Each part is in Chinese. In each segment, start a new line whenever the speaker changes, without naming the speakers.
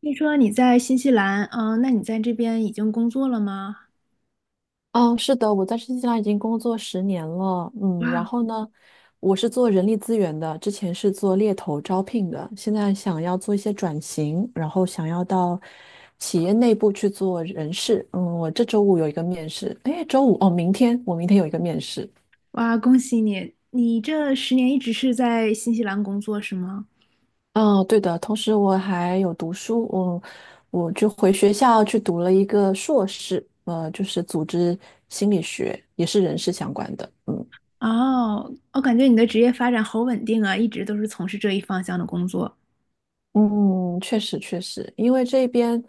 听说你在新西兰，那你在这边已经工作了吗？
嗯，是的，我在新西兰已经工作10年了。嗯，然
哇
后呢，我是做人力资源的，之前是做猎头招聘的，现在想要做一些转型，然后想要到企业内部去做人事。嗯，我这周五有一个面试，诶，周五哦，明天有一个面试。
哇，恭喜你！你这10年一直是在新西兰工作是吗？
嗯，对的，同时我还有读书，我就回学校去读了一个硕士，就是组织心理学，也是人事相关的。嗯。
哦，我感觉你的职业发展好稳定啊，一直都是从事这一方向的工作。
嗯，确实确实，因为这边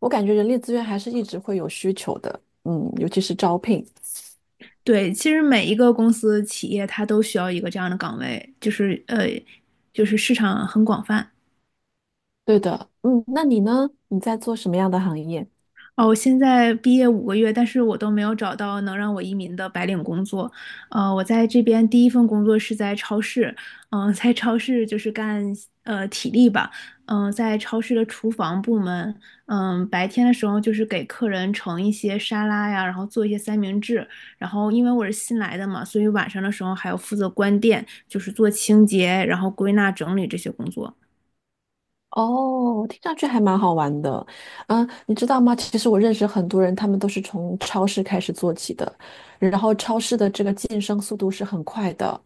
我感觉人力资源还是一直会有需求的，尤其是招聘。
对，其实每一个公司、企业它都需要一个这样的岗位，就是市场很广泛。
对的，那你呢？你在做什么样的行业？
哦，我现在毕业5个月，但是我都没有找到能让我移民的白领工作。我在这边第一份工作是在超市，在超市就是干体力吧，在超市的厨房部门，白天的时候就是给客人盛一些沙拉呀，然后做一些三明治，然后因为我是新来的嘛，所以晚上的时候还要负责关店，就是做清洁，然后归纳整理这些工作。
哦，听上去还蛮好玩的。嗯，你知道吗？其实我认识很多人，他们都是从超市开始做起的，然后超市的这个晋升速度是很快的。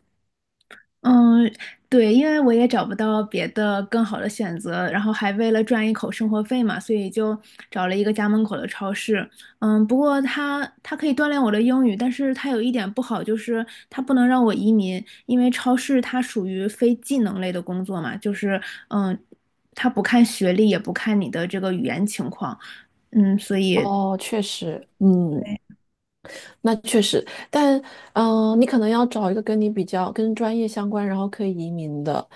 嗯，对，因为我也找不到别的更好的选择，然后还为了赚一口生活费嘛，所以就找了一个家门口的超市。嗯，不过它可以锻炼我的英语，但是它有一点不好，就是它不能让我移民，因为超市它属于非技能类的工作嘛，就是嗯，它不看学历，也不看你的这个语言情况，所以。
哦，确实，
对。
那确实，但你可能要找一个跟你比较跟专业相关，然后可以移民的，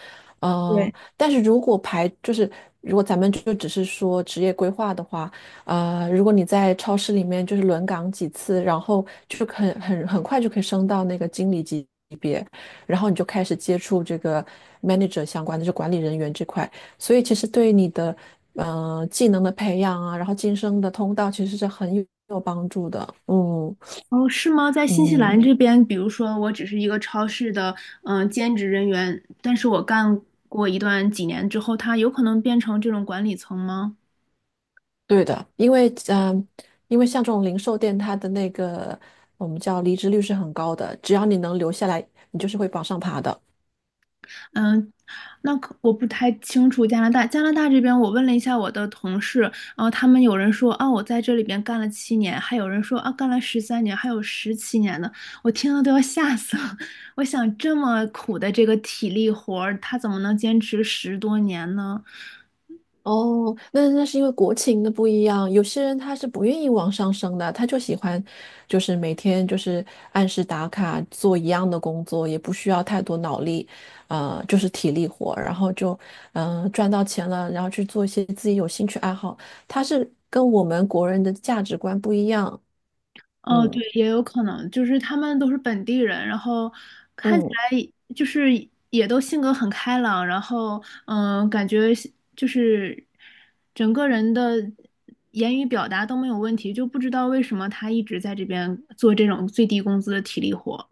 对。
但是如果咱们就只是说职业规划的话，如果你在超市里面就是轮岗几次，然后就很快就可以升到那个经理级别，然后你就开始接触这个 manager 相关的，就管理人员这块，所以其实对你的技能的培养啊，然后晋升的通道其实是很有帮助的，嗯。
哦，是吗？在新西兰
嗯，
这边，比如说我只是一个超市的兼职人员，但是我干过一段几年之后，它有可能变成这种管理层吗？
对的，因为像这种零售店，它的那个我们叫离职率是很高的，只要你能留下来，你就是会往上爬的。
嗯，那可我不太清楚加拿大。加拿大这边，我问了一下我的同事，然后他们有人说啊，我在这里边干了七年，还有人说啊，干了13年，还有17年的，我听了都要吓死了。我想这么苦的这个体力活儿，他怎么能坚持10多年呢？
哦，那是因为国情的不一样，有些人他是不愿意往上升的，他就喜欢，就是每天就是按时打卡做一样的工作，也不需要太多脑力，就是体力活，然后就赚到钱了，然后去做一些自己有兴趣爱好，他是跟我们国人的价值观不一样，
哦，
嗯。
对，也有可能，就是他们都是本地人，然后看起
嗯
来就是也都性格很开朗，然后感觉是就是整个人的言语表达都没有问题，就不知道为什么他一直在这边做这种最低工资的体力活。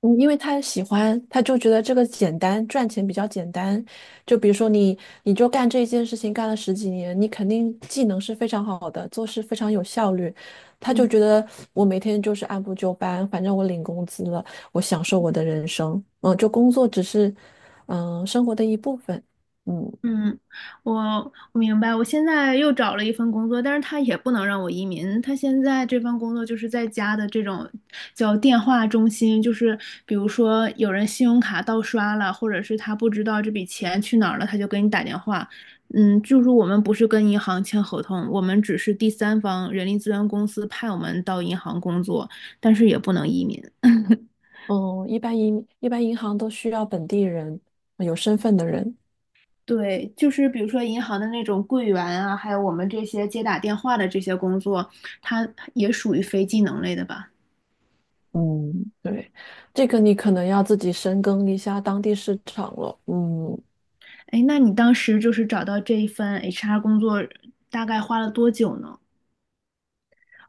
嗯，因为他喜欢，他就觉得这个简单，赚钱比较简单。就比如说你，你就干这一件事情干了十几年，你肯定技能是非常好的，做事非常有效率。他就觉得我每天就是按部就班，反正我领工资了，我享受我的人生。嗯，就工作只是生活的一部分。嗯
嗯，我明白。我现在又找了一份工作，但是他也不能让我移民。他现在这份工作就是在家的这种叫电话中心，就是比如说有人信用卡盗刷了，或者是他不知道这笔钱去哪儿了，他就给你打电话。嗯，就是我们不是跟银行签合同，我们只是第三方人力资源公司派我们到银行工作，但是也不能移民。
嗯，一般银行都需要本地人，有身份的人。
对，就是比如说银行的那种柜员啊，还有我们这些接打电话的这些工作，它也属于非技能类的吧？
嗯，对，这个你可能要自己深耕一下当地市场了。嗯，
哎，那你当时就是找到这一份 HR 工作，大概花了多久呢？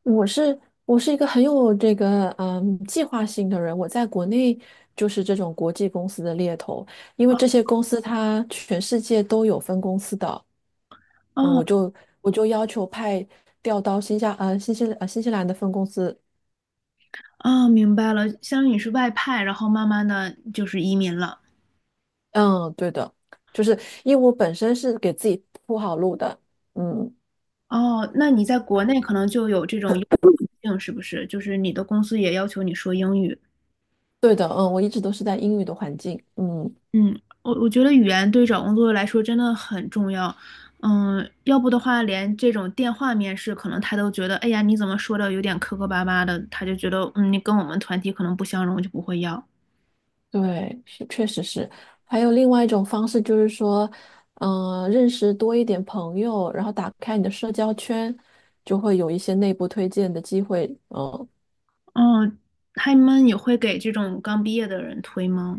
我是我是一个很有这个计划性的人，我在国内就是这种国际公司的猎头，因为这些公司它全世界都有分公司的，嗯，
哦
我就要求派调到新西兰的分公司，
哦，明白了，相当于你是外派，然后慢慢的就是移民了。
嗯，对的，就是因为我本身是给自己铺好路的，嗯，
哦，那你在国内可能就有这种英语环境，是不是？就是你的公司也要求你说英语。
对的，嗯，我一直都是在英语的环境，嗯。
嗯，我觉得语言对找工作来说真的很重要。嗯，要不的话，连这种电话面试，可能他都觉得，哎呀，你怎么说的有点磕磕巴巴的，他就觉得，嗯，你跟我们团体可能不相容，就不会要。
对，是确实是。还有另外一种方式，就是说，认识多一点朋友，然后打开你的社交圈，就会有一些内部推荐的机会。嗯、
哦，他们也会给这种刚毕业的人推吗？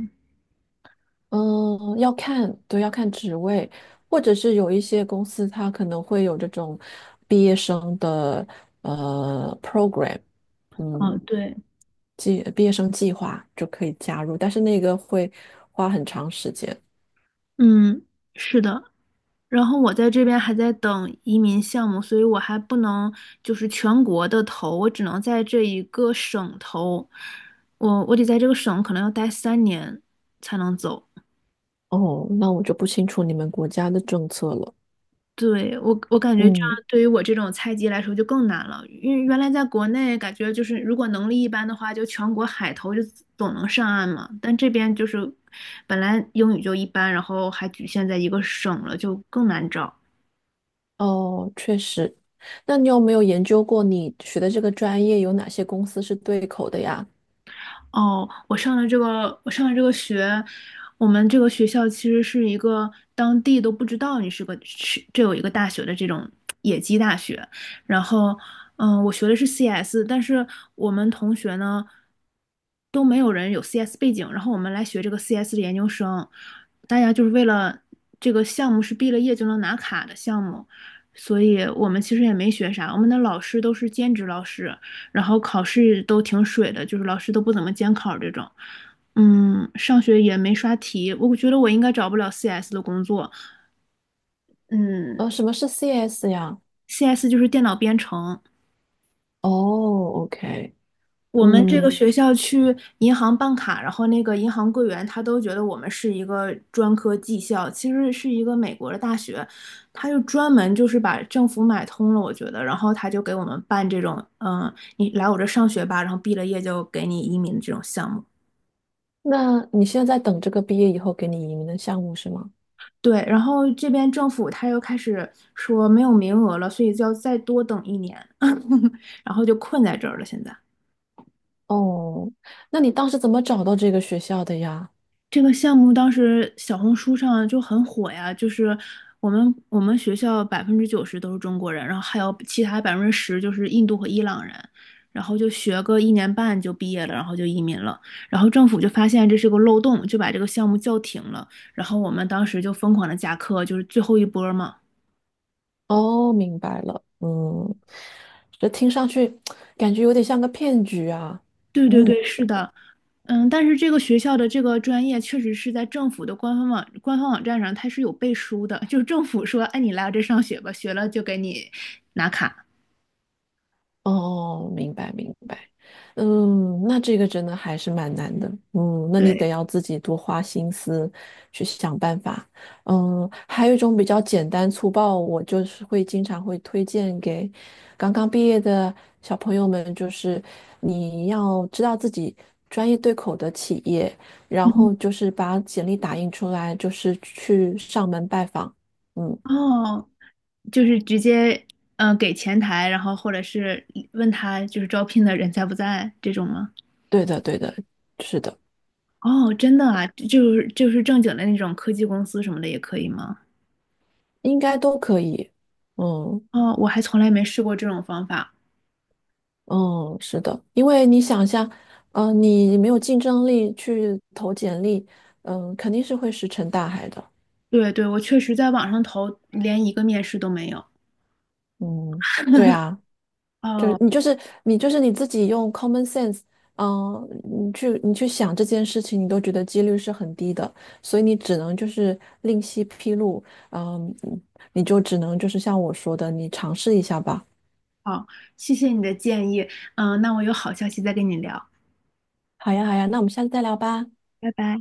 嗯、要看，对，要看职位，或者是有一些公司它可能会有这种毕业生的program，
哦，
嗯，
对，
毕业生计划就可以加入，但是那个会花很长时间。
嗯，是的。然后我在这边还在等移民项目，所以我还不能就是全国的投，我只能在这一个省投。我得在这个省可能要待三年才能走。
哦，那我就不清楚你们国家的政策了。
对，我感觉这样
嗯。
对于我这种菜鸡来说就更难了，因为原来在国内感觉就是如果能力一般的话，就全国海投就总能上岸嘛。但这边就是本来英语就一般，然后还局限在一个省了，就更难找。
哦，确实。那你有没有研究过你学的这个专业有哪些公司是对口的呀？
哦，我上的这个学，我们这个学校其实是一个当地都不知道你是个是这有一个大学的这种野鸡大学。然后，我学的是 CS,但是我们同学呢都没有人有 CS 背景，然后我们来学这个 CS 的研究生，大家就是为了这个项目是毕了业就能拿卡的项目，所以我们其实也没学啥，我们的老师都是兼职老师，然后考试都挺水的，就是老师都不怎么监考这种。嗯，上学也没刷题，我觉得我应该找不了 CS 的工作。嗯
什么是 CS 呀？
，CS 就是电脑编程。
哦，OK，
我们这个
嗯，
学校去银行办卡，然后那个银行柜员他都觉得我们是一个专科技校，其实是一个美国的大学，他就专门就是把政府买通了，我觉得，然后他就给我们办这种，你来我这上学吧，然后毕了业就给你移民的这种项目。
那你现在在等这个毕业以后给你移民的项目是吗？
对，然后这边政府他又开始说没有名额了，所以就要再多等一年，然后就困在这儿了。现在
哦，那你当时怎么找到这个学校的呀？
这个项目当时小红书上就很火呀，就是我们学校90%都是中国人，然后还有其他10%就是印度和伊朗人，然后就学个1年半就毕业了，然后就移民了。然后政府就发现这是个漏洞，就把这个项目叫停了。然后我们当时就疯狂的加课，就是最后一波嘛。
哦，明白了，嗯，这听上去感觉有点像个骗局啊。
对对
嗯。
对，是的，嗯，但是这个学校的这个专业确实是在政府的官方网站上，它是有背书的，就是政府说，哎，你来我这上学吧，学了就给你拿卡。
哦，明白明白，嗯，那这个真的还是蛮难的，那你
对，
得要自己多花心思去想办法，还有一种比较简单粗暴，我就是会经常会推荐给刚刚毕业的小朋友们，就是你要知道自己专业对口的企业，然后
嗯，
就是把简历打印出来，就是去上门拜访，嗯，
哦，就是直接给前台，然后或者是问他就是招聘的人在不在这种吗？
对的对的，是的，
哦，真的啊，就是正经的那种科技公司什么的也可以吗？
应该都可以，嗯。
哦，我还从来没试过这种方法。
嗯，是的，因为你想一下，你没有竞争力去投简历，肯定是会石沉大海的。
对对，我确实在网上投，连一个面试都没有。
嗯，对啊，就是
哦，
你就是你就是你自己用 common sense，你去想这件事情，你都觉得几率是很低的，所以你只能就是另辟蹊路，嗯、你就只能就是像我说的，你尝试一下吧。
好，谢谢你的建议。那我有好消息再跟你聊。
好呀，好呀，那我们下次再聊吧。
拜拜。